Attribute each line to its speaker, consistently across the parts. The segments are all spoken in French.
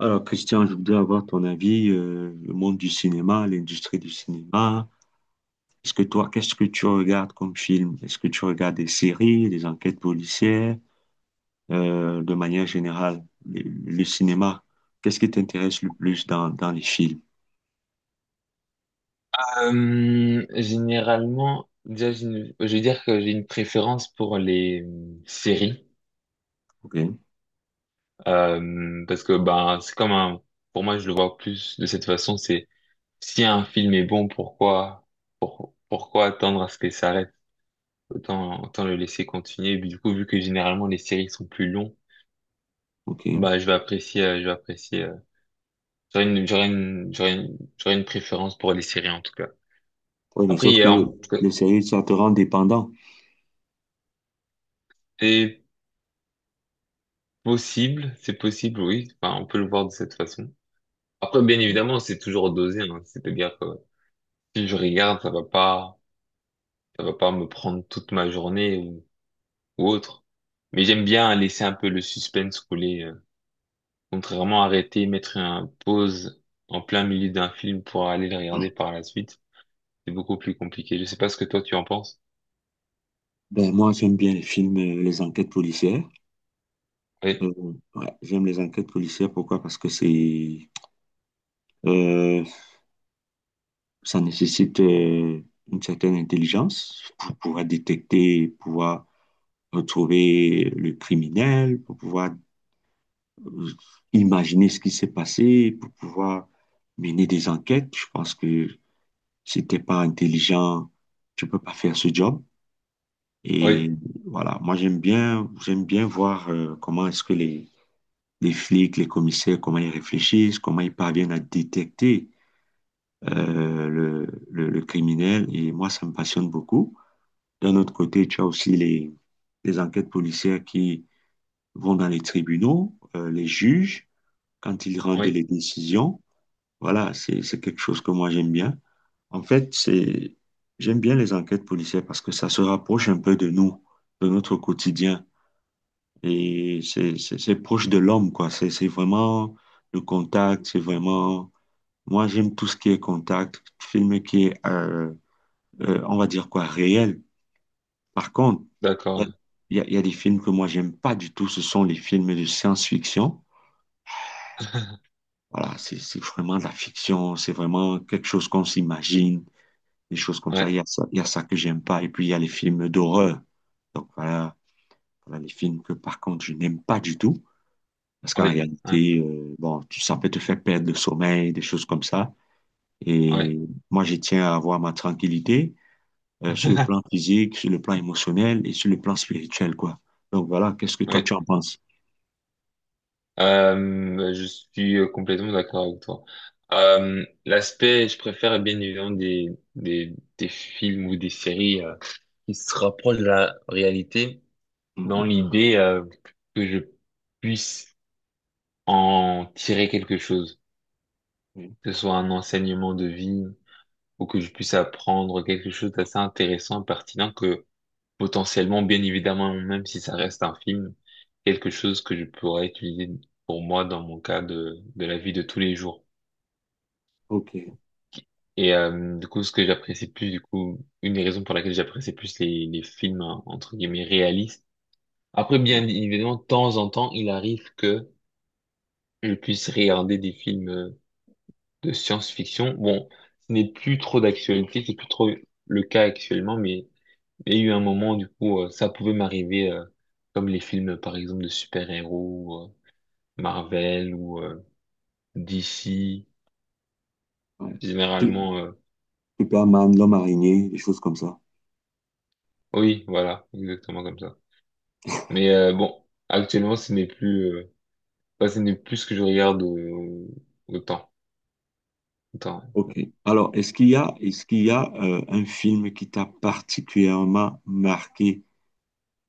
Speaker 1: Alors, Christian, je voudrais avoir ton avis, le monde du cinéma, l'industrie du cinéma. Est-ce que toi, qu'est-ce que tu regardes comme film? Est-ce que tu regardes des séries, des enquêtes policières, de manière générale, le cinéma? Qu'est-ce qui t'intéresse le plus dans les films?
Speaker 2: Généralement, déjà, je vais dire que j'ai une préférence pour les séries.
Speaker 1: Ok,
Speaker 2: Parce que ben c'est comme un, pour moi, je le vois plus de cette façon. C'est si un film est bon, pourquoi, pourquoi attendre à ce qu'il s'arrête? Autant, autant le laisser continuer. Et puis, du coup, vu que généralement les séries sont plus longues,
Speaker 1: ok.
Speaker 2: bah je vais apprécier, je vais apprécier. J'aurais une préférence pour les séries en tout cas.
Speaker 1: Oui, mais
Speaker 2: Après, il
Speaker 1: sauf
Speaker 2: y
Speaker 1: que
Speaker 2: a en tout cas-
Speaker 1: les séries, ça te rend dépendant.
Speaker 2: et Possible, c'est possible, oui. Enfin, on peut le voir de cette façon. Après, bien évidemment, c'est toujours dosé, hein. C'est-à-dire que si je regarde, ça va pas me prendre toute ma journée ou autre. Mais j'aime bien laisser un peu le suspense couler. Contrairement à arrêter, mettre un pause en plein milieu d'un film pour aller le regarder par la suite. C'est beaucoup plus compliqué. Je sais pas ce que toi tu en penses.
Speaker 1: Ben, moi, j'aime bien les films, les enquêtes policières.
Speaker 2: Oui,
Speaker 1: Euh, ouais, j'aime les enquêtes policières. Pourquoi? Parce que euh, ça nécessite une certaine intelligence pour pouvoir détecter, pouvoir retrouver le criminel, pour pouvoir euh, imaginer ce qui s'est passé, pour pouvoir mener des enquêtes. Je pense que si t'es pas intelligent, tu peux pas faire ce job. Et
Speaker 2: oui,
Speaker 1: voilà, moi j'aime bien voir comment est-ce que les flics, les commissaires, comment ils réfléchissent, comment ils parviennent à détecter le criminel. Et moi, ça me passionne beaucoup. D'un autre côté, tu as aussi les enquêtes policières qui vont dans les tribunaux, les juges, quand ils rendent
Speaker 2: oui.
Speaker 1: les décisions. Voilà, c'est quelque chose que moi j'aime bien. En fait, c'est, j'aime bien les enquêtes policières parce que ça se rapproche un peu de nous, de notre quotidien. Et c'est proche de l'homme, quoi. C'est vraiment le contact, c'est vraiment. Moi, j'aime tout ce qui est contact, film qui est, on va dire quoi, réel. Par contre, il
Speaker 2: D'accord.
Speaker 1: il y a des films que moi, j'aime pas du tout. Ce sont les films de science-fiction. Voilà, c'est vraiment de la fiction. C'est vraiment quelque chose qu'on s'imagine, des choses comme ça. Il y
Speaker 2: Ouais,
Speaker 1: a ça, il y a ça que j'aime pas. Et puis, il y a les films d'horreur. Donc, voilà, voilà les films que, par contre, je n'aime pas du tout. Parce qu'en
Speaker 2: ouais, oui ouais,
Speaker 1: réalité, bon, tu, ça peut te faire perdre le sommeil, des choses comme ça.
Speaker 2: ouais.
Speaker 1: Et moi, je tiens à avoir ma tranquillité, sur le plan physique, sur le plan émotionnel et sur le plan spirituel, quoi. Donc, voilà, qu'est-ce que toi,
Speaker 2: Ouais.
Speaker 1: tu en penses?
Speaker 2: Je suis complètement d'accord avec toi. L'aspect, je préfère bien évidemment des, des films ou des séries qui se rapprochent de la réalité dans
Speaker 1: Mm-hmm.
Speaker 2: l'idée que je puisse en tirer quelque chose,
Speaker 1: Oui.
Speaker 2: que ce soit un enseignement de vie ou que je puisse apprendre quelque chose d'assez intéressant, pertinent, que potentiellement, bien évidemment, même si ça reste un film, quelque chose que je pourrais utiliser pour moi dans mon cas de la vie de tous les jours.
Speaker 1: Ok.
Speaker 2: Et du coup, ce que j'apprécie plus, du coup, une des raisons pour laquelle j'apprécie plus les films, hein, entre guillemets, réalistes. Après,
Speaker 1: Mm.
Speaker 2: bien évidemment, de temps en temps, il arrive que je puisse regarder des films de science-fiction. Bon, ce n'est plus trop d'actualité, c'est plus trop le cas actuellement, mais il y a eu un moment, du coup, ça pouvait m'arriver, comme les films, par exemple, de super-héros, Marvel ou DC,
Speaker 1: Ouais. Su-
Speaker 2: généralement,
Speaker 1: Superman, l'homme araignée, des choses comme ça.
Speaker 2: oui, voilà, exactement comme ça. Mais bon, actuellement, ce n'est plus, enfin, ce n'est plus ce que je regarde autant. Autant.
Speaker 1: Ok. Alors, est-ce qu'il y a un film qui t'a particulièrement marqué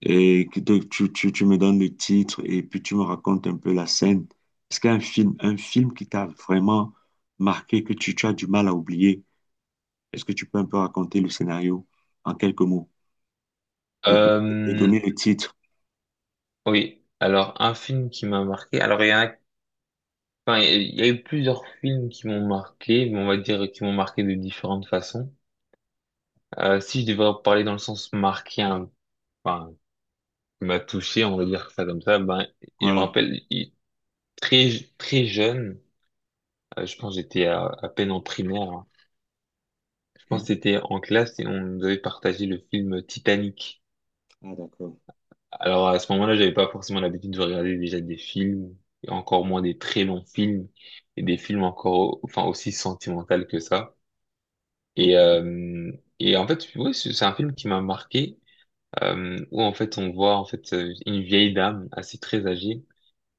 Speaker 1: et que tu me donnes le titre et puis tu me racontes un peu la scène? Est-ce qu'il y a un film qui t'a vraiment marqué, que tu as du mal à oublier? Est-ce que tu peux un peu raconter le scénario en quelques mots et, don- et
Speaker 2: Euh,
Speaker 1: donner le titre?
Speaker 2: oui. Alors, un film qui m'a marqué. Alors, il y en a, enfin, il y a eu plusieurs films qui m'ont marqué, mais on va dire qui m'ont marqué de différentes façons. Si je devais en parler dans le sens marqué, hein, enfin, qui m'a touché, on va dire ça comme ça, ben, il me
Speaker 1: Voilà.
Speaker 2: rappelle, il- très, très jeune, je pense que j'étais à peine en primaire, hein. Je pense
Speaker 1: Ok.
Speaker 2: que c'était en classe et on nous avait partagé le film Titanic.
Speaker 1: Ah, d'accord.
Speaker 2: Alors à ce moment-là, j'avais pas forcément l'habitude de regarder déjà des films, et encore moins des très longs films, et des films encore, enfin aussi sentimentaux que ça. Et
Speaker 1: Ok.
Speaker 2: euh, et en fait, oui, c'est un film qui m'a marqué, où en fait on voit en fait une vieille dame assez très âgée.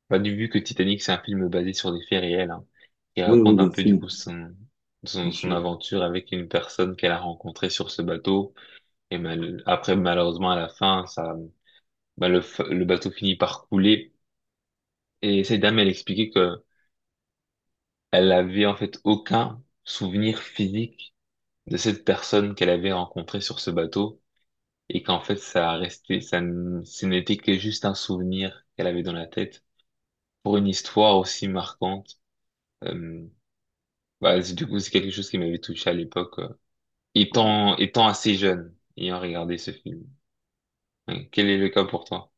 Speaker 2: Bah, du vu que Titanic c'est un film basé sur des faits réels, hein, qui
Speaker 1: Oui, oui,
Speaker 2: raconte un
Speaker 1: bien
Speaker 2: peu du
Speaker 1: sûr.
Speaker 2: coup son,
Speaker 1: Bien
Speaker 2: son
Speaker 1: sûr.
Speaker 2: aventure avec une personne qu'elle a rencontrée sur ce bateau. Et après malheureusement à la fin, ça, bah, le bateau finit par couler. Et cette dame, elle expliquait que elle avait en fait aucun souvenir physique de cette personne qu'elle avait rencontrée sur ce bateau et qu'en fait ça a resté, ça, ce n'était que juste un souvenir qu'elle avait dans la tête pour une histoire aussi marquante. Euh, bah, du coup, c'est quelque chose qui m'avait touché à l'époque,
Speaker 1: Oui.
Speaker 2: étant assez jeune, ayant regardé ce film. Ouais. Quel est le cas pour toi?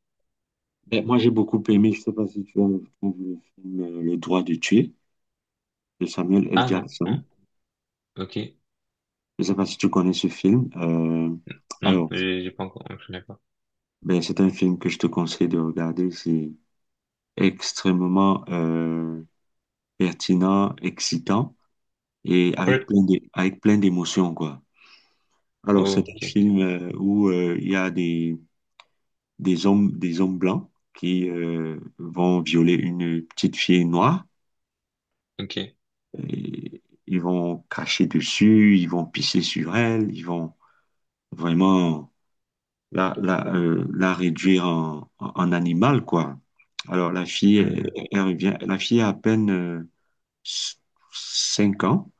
Speaker 1: Ben, moi, j'ai beaucoup aimé, je sais pas si tu as vu le film Le droit de tuer de Samuel L.
Speaker 2: Ah non,
Speaker 1: Jackson.
Speaker 2: non, ok,
Speaker 1: Je sais pas si tu connais ce film.
Speaker 2: non,
Speaker 1: Alors,
Speaker 2: j'ai pas encore, je connais pas.
Speaker 1: ben, c'est un film que je te conseille de regarder. C'est extrêmement pertinent, excitant et avec
Speaker 2: Oui.
Speaker 1: avec plein d'émotions, quoi. Alors, c'est
Speaker 2: Oh,
Speaker 1: un
Speaker 2: ok,
Speaker 1: film où il y a des hommes blancs qui vont violer une petite fille noire.
Speaker 2: ok.
Speaker 1: Et ils vont cracher dessus, ils vont pisser sur elle, ils vont vraiment la réduire en animal, quoi. Alors la fille,
Speaker 2: Mhm.
Speaker 1: elle revient, la fille a à peine 5 ans.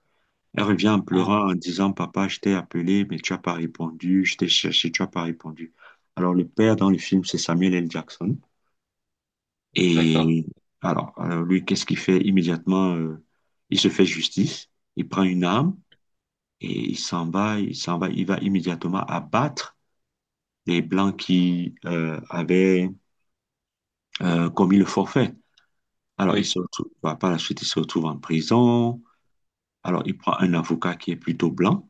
Speaker 1: Elle revient en
Speaker 2: Ah,
Speaker 1: pleurant en disant, Papa, je t'ai appelé, mais tu n'as pas répondu, je t'ai cherché, tu n'as pas répondu. Alors le père dans le film, c'est Samuel L. Jackson.
Speaker 2: d'accord.
Speaker 1: Et alors, lui, qu'est-ce qu'il fait immédiatement? Il se fait justice, il prend une arme. Et il s'en va, il va immédiatement abattre les Blancs qui avaient commis le forfait. Alors, il
Speaker 2: Oui,
Speaker 1: se retrouve, bah, par la suite, il se retrouve en prison. Alors, il prend un avocat qui est plutôt blanc.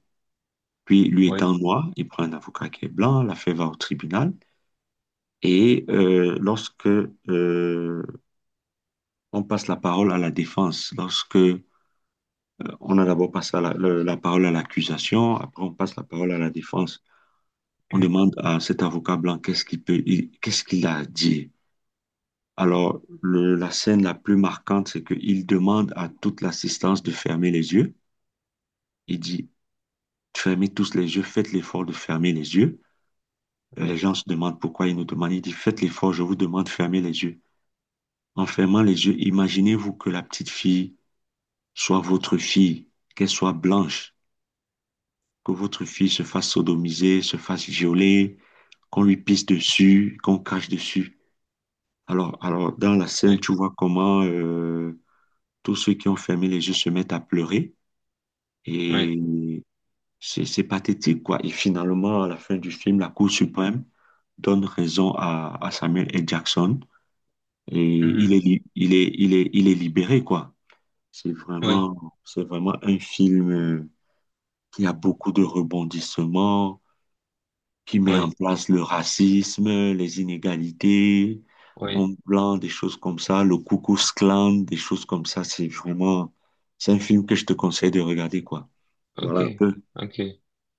Speaker 1: Puis, lui
Speaker 2: oui.
Speaker 1: étant noir, il prend un avocat qui est blanc. L'affaire va au tribunal. Et lorsque on passe la parole à la défense, lorsque on a d'abord passé la parole à l'accusation, après on passe la parole à la défense. On
Speaker 2: Mm.
Speaker 1: demande à cet avocat blanc qu'est-ce qu'il a à dire. Alors, la scène la plus marquante, c'est qu'il demande à toute l'assistance de fermer les yeux. Il dit, fermez tous les yeux, faites l'effort de fermer les yeux. Et les
Speaker 2: Oui,
Speaker 1: gens se demandent pourquoi il nous demande. Il dit, faites l'effort, je vous demande de fermer les yeux. En fermant les yeux, imaginez-vous que la petite fille soit votre fille, qu'elle soit blanche, que votre fille se fasse sodomiser, se fasse violer, qu'on lui pisse dessus, qu'on crache dessus. Alors, dans la scène,
Speaker 2: oui,
Speaker 1: tu vois comment tous ceux qui ont fermé les yeux se mettent à pleurer.
Speaker 2: oui,
Speaker 1: Et c'est pathétique, quoi. Et finalement, à la fin du film, la Cour suprême donne raison à Samuel L. Jackson. Et il est,
Speaker 2: mhm,
Speaker 1: li- il est, il est, il est libéré, quoi.
Speaker 2: oui,
Speaker 1: C'est vraiment un film qui a beaucoup de rebondissements, qui met en
Speaker 2: oui,
Speaker 1: place le racisme, les inégalités,
Speaker 2: oui,
Speaker 1: Homme Blanc, des choses comme ça, le Ku Klux Klan, des choses comme ça. C'est vraiment, c'est un film que je te conseille de regarder, quoi.
Speaker 2: ok,
Speaker 1: Voilà un peu.
Speaker 2: ok,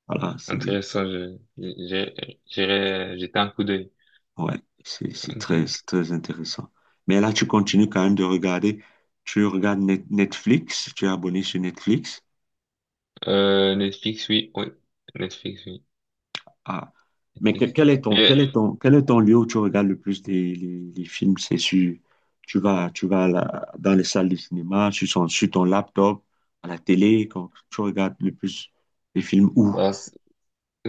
Speaker 1: Voilà, c'est,
Speaker 2: intéressant, j'irai jeter un coup d'œil,
Speaker 1: ouais,
Speaker 2: ok,
Speaker 1: c'est très intéressant. Mais là, tu continues quand même de regarder. Tu regardes Netflix, tu es abonné sur Netflix.
Speaker 2: Netflix, oui, oui,
Speaker 1: Ah. Mais
Speaker 2: Netflix, mais,
Speaker 1: quel est ton lieu où tu regardes le plus les films? C'est sur, tu vas dans les salles de cinéma, sur ton laptop, à la télé, quand tu regardes le plus les films où?
Speaker 2: bah,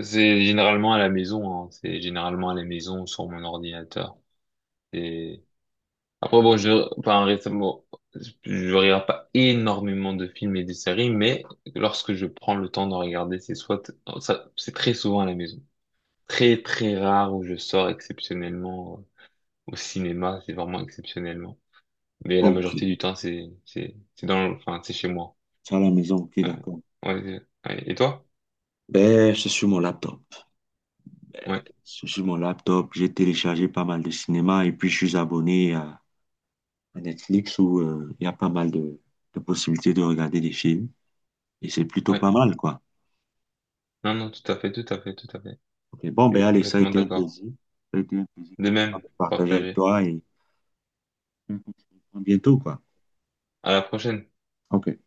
Speaker 2: c'est généralement à la maison, hein. C'est généralement à la maison, sur mon ordinateur. C'est après, bon, je, enfin, récemment, je regarde pas énormément de films et de séries, mais lorsque je prends le temps d'en regarder, c'est soit, ça, c'est très souvent à la maison. Très, très rare où je sors exceptionnellement au cinéma, c'est vraiment exceptionnellement. Mais la
Speaker 1: Ok,
Speaker 2: majorité du temps, c'est dans, enfin, c'est chez moi.
Speaker 1: c'est à la maison, ok,
Speaker 2: Ouais,
Speaker 1: d'accord.
Speaker 2: ouais, ouais. Et toi?
Speaker 1: Ben, c'est sur mon laptop.
Speaker 2: Ouais,
Speaker 1: C'est sur mon laptop, j'ai téléchargé pas mal de cinéma et puis je suis abonné à Netflix où il y a pas mal de possibilités de regarder des films et c'est plutôt
Speaker 2: ouais.
Speaker 1: pas mal, quoi.
Speaker 2: Non, non, tout à fait, tout à fait, tout à fait.
Speaker 1: Ok. Bon,
Speaker 2: Je
Speaker 1: ben
Speaker 2: suis
Speaker 1: allez, ça a
Speaker 2: complètement
Speaker 1: été un
Speaker 2: d'accord.
Speaker 1: plaisir. Ça a été un plaisir
Speaker 2: De même,
Speaker 1: de partager avec
Speaker 2: partagé.
Speaker 1: toi et à bientôt, quoi.
Speaker 2: À la prochaine.
Speaker 1: Ok.